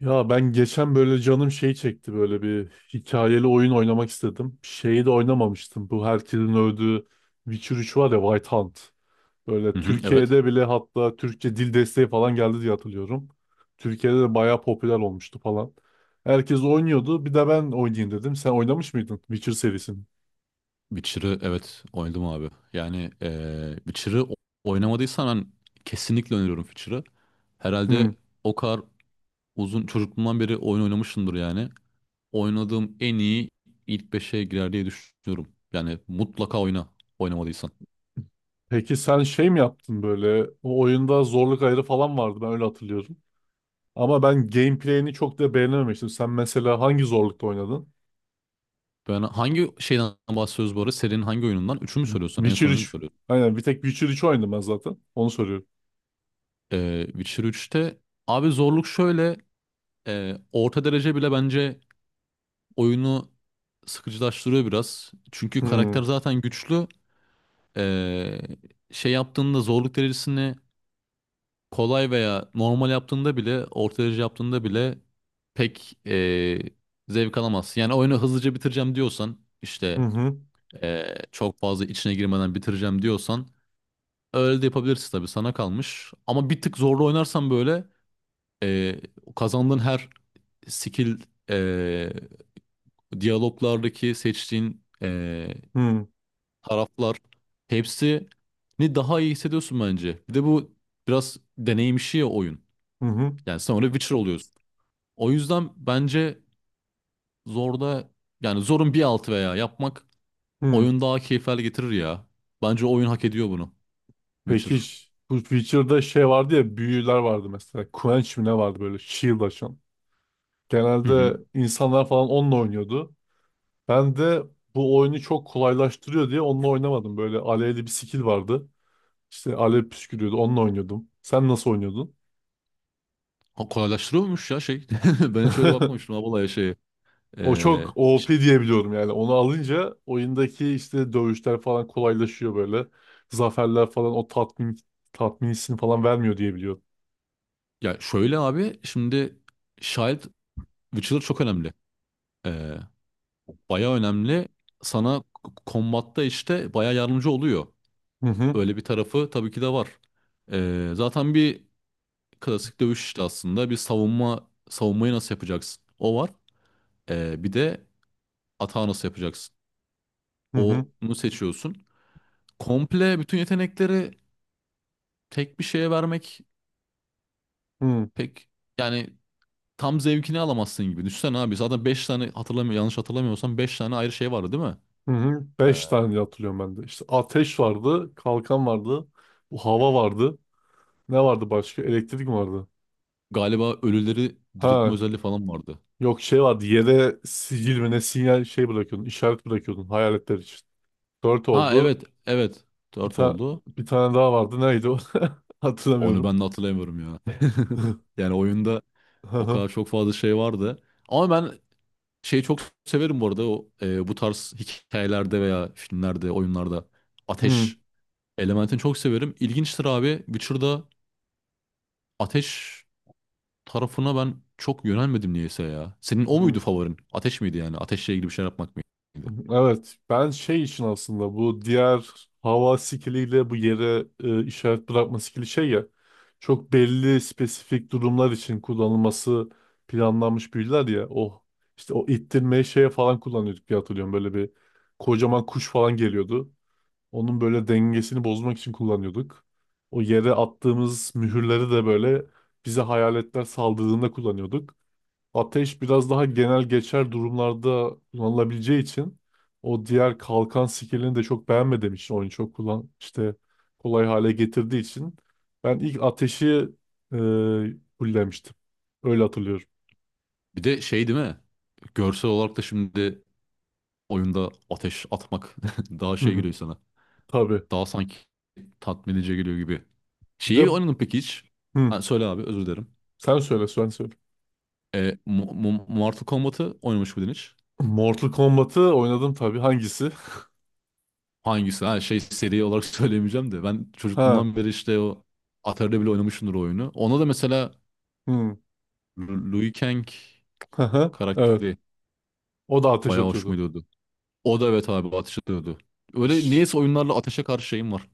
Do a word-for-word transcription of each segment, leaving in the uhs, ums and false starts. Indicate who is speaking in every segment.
Speaker 1: Ya ben geçen böyle canım şey çekti böyle bir hikayeli oyun oynamak istedim. Şeyi de oynamamıştım. Bu herkesin övdüğü Witcher üç var ya, White Hunt.
Speaker 2: Hı
Speaker 1: Böyle
Speaker 2: hı, evet.
Speaker 1: Türkiye'de bile hatta Türkçe dil desteği falan geldi diye hatırlıyorum. Türkiye'de de bayağı popüler olmuştu falan. Herkes oynuyordu. Bir de ben oynayayım dedim. Sen oynamış mıydın Witcher serisini?
Speaker 2: Witcher'ı evet oynadım abi. Yani eee Witcher'ı o- oynamadıysan ben kesinlikle öneriyorum Witcher'ı.
Speaker 1: Hmm.
Speaker 2: Herhalde o kadar uzun çocukluğumdan beri oyun oynamışımdır yani. Oynadığım en iyi ilk beşe girer diye düşünüyorum. Yani mutlaka oyna oynamadıysan.
Speaker 1: Peki sen şey mi yaptın böyle? O oyunda zorluk ayarı falan vardı, ben öyle hatırlıyorum. Ama ben gameplay'ini çok da beğenememiştim. Sen mesela hangi zorlukta oynadın?
Speaker 2: Ben hangi şeyden bahsediyoruz bu arada? Serinin hangi oyunundan? Üçü mü söylüyorsun? En
Speaker 1: Witcher
Speaker 2: son oyunu mu
Speaker 1: üç.
Speaker 2: söylüyorsun?
Speaker 1: Aynen, bir tek Witcher üç oynadım ben zaten. Onu soruyorum.
Speaker 2: Eee Witcher üçte, abi, zorluk şöyle: eee, orta derece bile bence oyunu sıkıcılaştırıyor biraz. Çünkü karakter
Speaker 1: Hmm,
Speaker 2: zaten güçlü. Ee, şey yaptığında zorluk derecesini kolay veya normal yaptığında bile, orta derece yaptığında bile pek ee, zevk alamazsın. Yani oyunu hızlıca bitireceğim diyorsan,
Speaker 1: hı
Speaker 2: işte
Speaker 1: hı.
Speaker 2: ee, çok fazla içine girmeden bitireceğim diyorsan öyle de yapabilirsin tabii, sana kalmış. Ama bir tık zorlu oynarsan böyle ee, kazandığın her skill, ee, diyaloglardaki seçtiğin ee,
Speaker 1: Hı hı.
Speaker 2: taraflar, hepsini daha iyi hissediyorsun bence. Bir de bu biraz deneyim işi ya, oyun.
Speaker 1: Hı.
Speaker 2: Yani sonra Witcher oluyorsun. O yüzden bence zorda, yani zorun bir altı veya yapmak
Speaker 1: hı.
Speaker 2: oyun daha keyif hale getirir ya. Bence oyun hak ediyor bunu. Witcher.
Speaker 1: Peki ş- bu Witcher'da şey vardı ya, büyüler vardı mesela. Quench mi ne vardı, böyle shield açan.
Speaker 2: Hı hı.
Speaker 1: Genelde insanlar falan onunla oynuyordu. Ben de bu oyunu çok kolaylaştırıyor diye onunla oynamadım. Böyle alevli bir skill vardı. İşte alev püskürüyordu, onunla oynuyordum. Sen nasıl oynuyordun?
Speaker 2: Ha, kolaylaştırıyormuş ya şey. Ben hiç öyle bakmamıştım abi olaya şeye.
Speaker 1: O
Speaker 2: Ee,
Speaker 1: çok
Speaker 2: ş-
Speaker 1: O P diye biliyorum yani. Onu alınca oyundaki işte dövüşler falan kolaylaşıyor böyle. Zaferler falan o tatmin tatmin hissini falan vermiyor diye biliyorum.
Speaker 2: ya şöyle abi, şimdi Child Witcher çok önemli. Ee, bayağı önemli. Sana k- kombatta işte baya yardımcı oluyor.
Speaker 1: Hı hı,
Speaker 2: Öyle bir tarafı tabii ki de var. Ee, zaten bir klasik dövüş işte aslında. Bir savunma savunmayı nasıl yapacaksın? O var. Ee, bir de atağı nasıl yapacaksın?
Speaker 1: hı hı,
Speaker 2: Onu seçiyorsun. Komple bütün yetenekleri tek bir şeye vermek
Speaker 1: hı
Speaker 2: pek, yani tam zevkini alamazsın gibi. Düşünsene abi, zaten beş tane, hatırlamıyor, yanlış hatırlamıyorsam beş tane ayrı şey vardı değil mi?
Speaker 1: hı. hı.
Speaker 2: Ee,
Speaker 1: Beş tane diye hatırlıyorum ben de. İşte ateş vardı, kalkan vardı, bu hava vardı. Ne vardı başka? Elektrik mi vardı?
Speaker 2: galiba ölüleri diriltme
Speaker 1: Ha,
Speaker 2: özelliği falan vardı.
Speaker 1: yok, şey vardı. Yere sicil mi ne sinyal şey bırakıyordun, işaret bırakıyordun hayaletler için. Dört
Speaker 2: Ha
Speaker 1: oldu.
Speaker 2: evet evet,
Speaker 1: Bir
Speaker 2: dört
Speaker 1: tane
Speaker 2: oldu.
Speaker 1: bir tane daha vardı. Neydi o?
Speaker 2: Onu
Speaker 1: Hatırlamıyorum.
Speaker 2: ben de hatırlamıyorum ya. Yani oyunda o kadar çok fazla şey vardı. Ama ben şeyi çok severim bu arada. O, e, bu tarz hikayelerde veya filmlerde, oyunlarda
Speaker 1: Hmm,
Speaker 2: ateş elementini çok severim. İlginçtir abi. Witcher'da ateş tarafına ben çok yönelmedim niyeyse ya. Senin o
Speaker 1: hmm.
Speaker 2: muydu favorin? Ateş miydi yani? Ateşle ilgili bir şey yapmak mıydı?
Speaker 1: Evet, ben şey için aslında bu diğer hava skiliyle bu yere e, işaret bırakma skili şey ya, çok belli spesifik durumlar için kullanılması planlanmış büyüler ya. O işte, o ittirmeyi şeye falan kullanıyorduk diye hatırlıyorum. Böyle bir kocaman kuş falan geliyordu. Onun böyle dengesini bozmak için kullanıyorduk. O yere attığımız mühürleri de böyle bize hayaletler saldırdığında kullanıyorduk. Ateş biraz daha genel geçer durumlarda kullanılabileceği için, o diğer kalkan skillini de çok beğenmediğim için, oyunu çok kullan işte kolay hale getirdiği için ben ilk ateşi e, fullemiştim. Öyle hatırlıyorum.
Speaker 2: Bir de şey değil mi? Görsel olarak da şimdi oyunda ateş atmak daha
Speaker 1: Hı
Speaker 2: şey
Speaker 1: hı.
Speaker 2: geliyor sana.
Speaker 1: Tabii.
Speaker 2: Daha sanki tatmin edici geliyor gibi.
Speaker 1: Bir de
Speaker 2: Şeyi oynadın peki hiç?
Speaker 1: hı,
Speaker 2: Ha, söyle abi, özür dilerim.
Speaker 1: sen söyle sen söyle.
Speaker 2: E, Mo- Mo- Mortal Kombat'ı oynamış mıydın hiç?
Speaker 1: Mortal Kombat'ı oynadım tabii. Hangisi?
Speaker 2: Hangisi? Ha, şey, seri olarak söyleyemeyeceğim de. Ben
Speaker 1: Ha.
Speaker 2: çocukluğumdan beri işte o Atari'de bile oynamışımdır o oyunu. Ona da mesela
Speaker 1: Hı.
Speaker 2: Lu- Liu Kang
Speaker 1: Hı hı. Evet.
Speaker 2: karakteri
Speaker 1: O da ateş
Speaker 2: bayağı hoşuma
Speaker 1: atıyordu.
Speaker 2: gidiyordu. O da evet abi ateş ediyordu. Öyle
Speaker 1: Ş-
Speaker 2: niyeyse oyunlarla ateşe karşı şeyim var.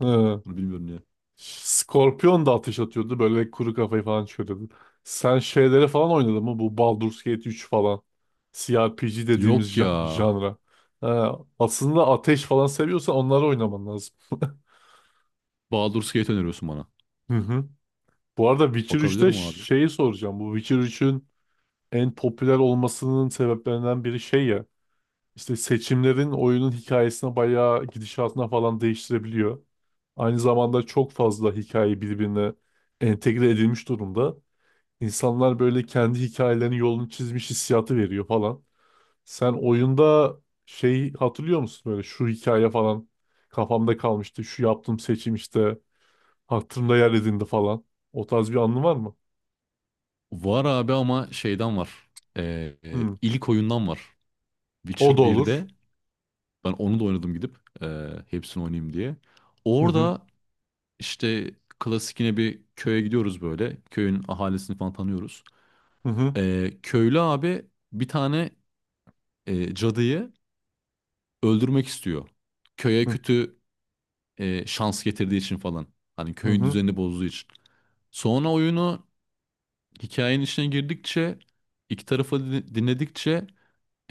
Speaker 1: Hı.
Speaker 2: Bunu bilmiyorum niye.
Speaker 1: Scorpion da ateş atıyordu. Böyle kuru kafayı falan çıkarıyordu. Sen şeylere falan oynadın mı? Bu Baldur's Gate üç falan. C R P G dediğimiz
Speaker 2: Yok ya.
Speaker 1: ja- janra. Ha, aslında ateş falan seviyorsan onları oynaman lazım.
Speaker 2: Baldur's Gate öneriyorsun bana.
Speaker 1: Hı hı. Bu arada Witcher
Speaker 2: Bakabilir
Speaker 1: üçte
Speaker 2: mi
Speaker 1: ş-
Speaker 2: abi?
Speaker 1: şeyi soracağım. Bu Witcher üçün en popüler olmasının sebeplerinden biri şey ya. İşte seçimlerin oyunun hikayesine, bayağı gidişatına falan değiştirebiliyor. Aynı zamanda çok fazla hikaye birbirine entegre edilmiş durumda. İnsanlar böyle kendi hikayelerinin yolunu çizmiş hissiyatı veriyor falan. Sen oyunda şey hatırlıyor musun, böyle şu hikaye falan kafamda kalmıştı, şu yaptığım seçim işte hatırımda yer edindi falan? O tarz bir anın var mı?
Speaker 2: Var abi, ama şeyden var. Ee, e,
Speaker 1: Hı.
Speaker 2: ilk oyundan var.
Speaker 1: O da
Speaker 2: Witcher
Speaker 1: olur.
Speaker 2: birde ben onu da oynadım gidip, ee, hepsini oynayayım diye.
Speaker 1: Hı hı,
Speaker 2: Orada işte klasik yine bir köye gidiyoruz böyle. Köyün ahalisini falan tanıyoruz.
Speaker 1: hı hı,
Speaker 2: Ee, köylü abi bir tane e, cadıyı öldürmek istiyor. Köye kötü e, şans getirdiği için falan. Hani
Speaker 1: hı
Speaker 2: köyün
Speaker 1: hı,
Speaker 2: düzenini bozduğu için. Sonra oyunu, hikayenin içine girdikçe, iki tarafı din- dinledikçe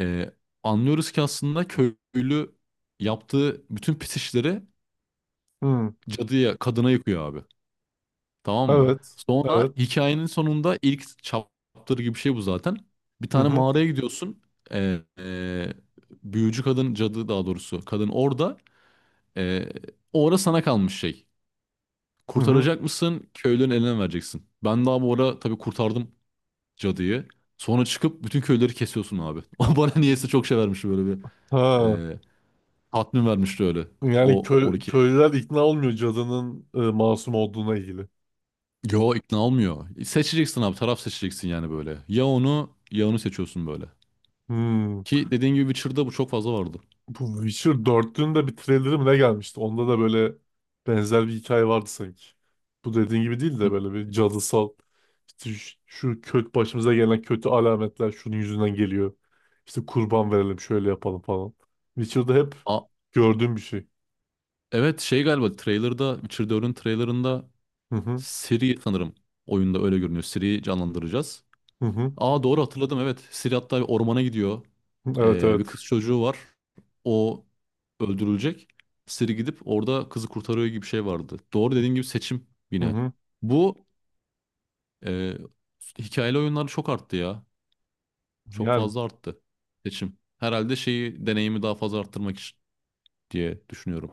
Speaker 2: Ee, anlıyoruz ki aslında köylü yaptığı bütün pis işleri
Speaker 1: hı. hı.
Speaker 2: cadıya, kadına yıkıyor abi. Tamam mı?
Speaker 1: Evet.
Speaker 2: Sonra
Speaker 1: Evet.
Speaker 2: hikayenin sonunda, ilk chapter gibi bir şey bu zaten, bir
Speaker 1: Hı
Speaker 2: tane
Speaker 1: hı.
Speaker 2: mağaraya gidiyorsun. Ee, e, büyücü kadın, cadı daha doğrusu. Kadın orada. Ee, o ara sana kalmış şey.
Speaker 1: Hı hı.
Speaker 2: Kurtaracak mısın? Köylünün eline mi vereceksin. Ben daha bu ara tabii kurtardım cadıyı. Sonra çıkıp bütün köyleri kesiyorsun abi. Bana niyeyse çok şey vermiş böyle bir
Speaker 1: Ha.
Speaker 2: tatmin vermişti öyle.
Speaker 1: Yani
Speaker 2: O
Speaker 1: köy,
Speaker 2: on iki.
Speaker 1: köylüler ikna olmuyor cadının e, masum olduğuna ilgili.
Speaker 2: Yo, ikna olmuyor. Seçeceksin abi, taraf seçeceksin yani böyle. Ya onu ya onu seçiyorsun böyle.
Speaker 1: Hı.
Speaker 2: Ki dediğin gibi Witcher'da bu çok fazla vardı.
Speaker 1: Bu Witcher dördün de bir trailerı mı ne gelmişti? Onda da böyle benzer bir hikaye vardı sanki. Bu dediğin gibi değil de
Speaker 2: M-
Speaker 1: böyle bir cadısal işte, şu, şu kötü başımıza gelen kötü alametler şunun yüzünden geliyor. İşte kurban verelim, şöyle yapalım falan. Witcher'da hep
Speaker 2: A
Speaker 1: gördüğüm bir şey.
Speaker 2: evet, şey, galiba trailer'da, Witcher dördün trailer'ında,
Speaker 1: Hı hı,
Speaker 2: Ciri sanırım oyunda öyle görünüyor. Ciri'yi canlandıracağız.
Speaker 1: hı hı.
Speaker 2: Aa doğru hatırladım, evet. Ciri hatta bir ormana gidiyor.
Speaker 1: Evet,
Speaker 2: Ee, bir
Speaker 1: evet.
Speaker 2: kız çocuğu var. O öldürülecek. Ciri gidip orada kızı kurtarıyor gibi bir şey vardı. Doğru, dediğin gibi seçim
Speaker 1: Hı
Speaker 2: yine.
Speaker 1: hı.
Speaker 2: Bu Ee, hikayeli oyunlar çok arttı ya. Çok
Speaker 1: Yani
Speaker 2: fazla arttı seçim. Herhalde şeyi, deneyimi daha fazla arttırmak için diye düşünüyorum.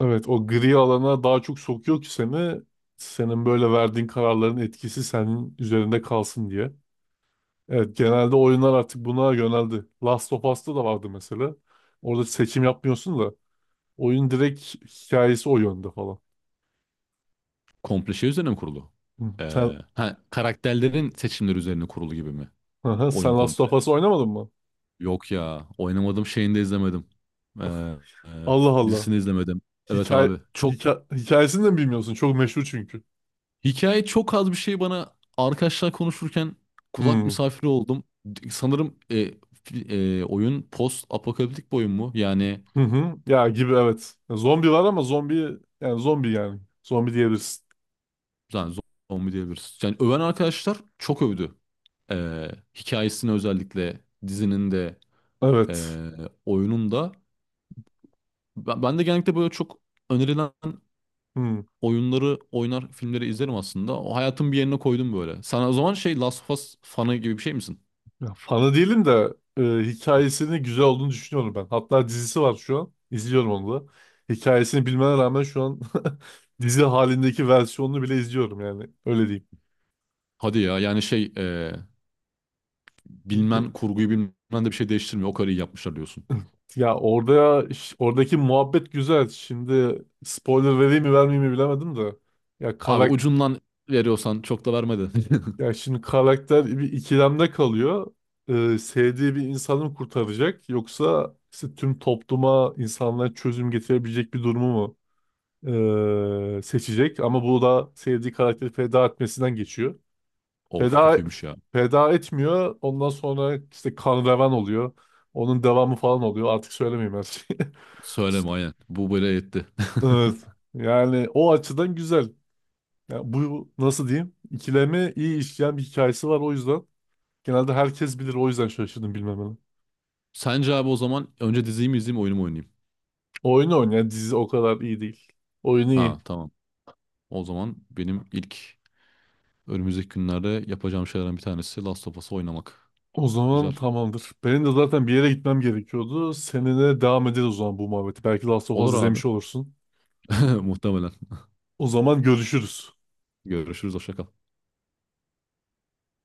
Speaker 1: evet, o gri alana daha çok sokuyor ki seni senin böyle verdiğin kararların etkisi senin üzerinde kalsın diye. Evet, genelde oyunlar artık buna yöneldi. Last of Us'ta da vardı mesela. Orada seçim yapmıyorsun da oyun direkt hikayesi o yönde falan.
Speaker 2: Komple şey üzerine mi kurulu?
Speaker 1: Hı,
Speaker 2: Ee,
Speaker 1: Sen,
Speaker 2: ha, karakterlerin seçimleri üzerine kurulu gibi mi?
Speaker 1: Aha, sen
Speaker 2: Oyun
Speaker 1: Last
Speaker 2: komple.
Speaker 1: of Us oynamadın mı?
Speaker 2: Yok ya, oynamadım, şeyini de izlemedim. Ee, e,
Speaker 1: Allah Allah.
Speaker 2: dizisini izlemedim. Evet
Speaker 1: Hikaye,
Speaker 2: abi. Çok,
Speaker 1: hika, hikayesini de mi bilmiyorsun? Çok meşhur çünkü.
Speaker 2: hikaye çok az bir şey bana, arkadaşlar konuşurken kulak
Speaker 1: Hmm.
Speaker 2: misafiri oldum. Sanırım e, fi- e, oyun post apokaliptik bir oyun mu? Yani.
Speaker 1: Hı hı. Ya gibi, evet. Ya zombi var, ama zombi yani, zombi yani. Zombi diyebilirsin.
Speaker 2: Yani zombi diyebiliriz. Yani öven arkadaşlar çok övdü. Ee, hikayesini özellikle, dizinin de
Speaker 1: Evet.
Speaker 2: ee, oyunun da. Ben, ben de genellikle böyle çok önerilen
Speaker 1: Hmm.
Speaker 2: oyunları oynar, filmleri izlerim aslında. O hayatın bir yerine koydum böyle. Sen o zaman şey, Last of Us fanı gibi bir şey misin?
Speaker 1: Ya, fanı değilim de e, hikayesinin güzel olduğunu düşünüyorum ben. Hatta dizisi var şu an. İzliyorum onu da. Hikayesini bilmene rağmen şu an dizi halindeki versiyonunu bile izliyorum yani. Öyle
Speaker 2: Hadi ya, yani şey, ee, bilmen,
Speaker 1: diyeyim.
Speaker 2: kurguyu bilmen de bir şey değiştirmiyor. O kadar iyi yapmışlar diyorsun.
Speaker 1: Ya orada ş- oradaki muhabbet güzel. Şimdi spoiler vereyim mi vermeyeyim mi bilemedim de. Ya
Speaker 2: Abi
Speaker 1: karak
Speaker 2: ucundan veriyorsan çok da vermedi.
Speaker 1: ya şimdi karakter bir ikilemde kalıyor. E, sevdiği bir insanı mı kurtaracak, yoksa işte tüm topluma, insanlara çözüm getirebilecek bir durumu mu e, seçecek? Ama bu da sevdiği karakteri feda etmesinden geçiyor.
Speaker 2: Of,
Speaker 1: Feda
Speaker 2: kötüymüş ya.
Speaker 1: feda etmiyor. Ondan sonra işte kan revan oluyor. Onun devamı falan oluyor. Artık söylemeyeyim her şeyi.
Speaker 2: Söyleme, aynen. Bu böyle yetti.
Speaker 1: Evet. Yani o açıdan güzel. Yani bu, nasıl diyeyim, İkileme iyi işleyen bir hikayesi var, o yüzden. Genelde herkes bilir, o yüzden şaşırdım bilmemene.
Speaker 2: Sence abi o zaman önce diziyi mi izleyeyim, oyunu mu oynayayım?
Speaker 1: Oyunu oynayan dizi o kadar iyi değil. Oyunu
Speaker 2: Ha
Speaker 1: iyi.
Speaker 2: tamam. O zaman benim ilk önümüzdeki günlerde yapacağım şeylerden bir tanesi Last of Us oynamak.
Speaker 1: O
Speaker 2: Güzel.
Speaker 1: zaman tamamdır. Benim de zaten bir yere gitmem gerekiyordu. Seninle devam ederiz o zaman bu muhabbeti. Belki Last of Us
Speaker 2: Olur abi.
Speaker 1: izlemiş olursun.
Speaker 2: Muhtemelen.
Speaker 1: O zaman görüşürüz.
Speaker 2: Görüşürüz. Hoşça kal.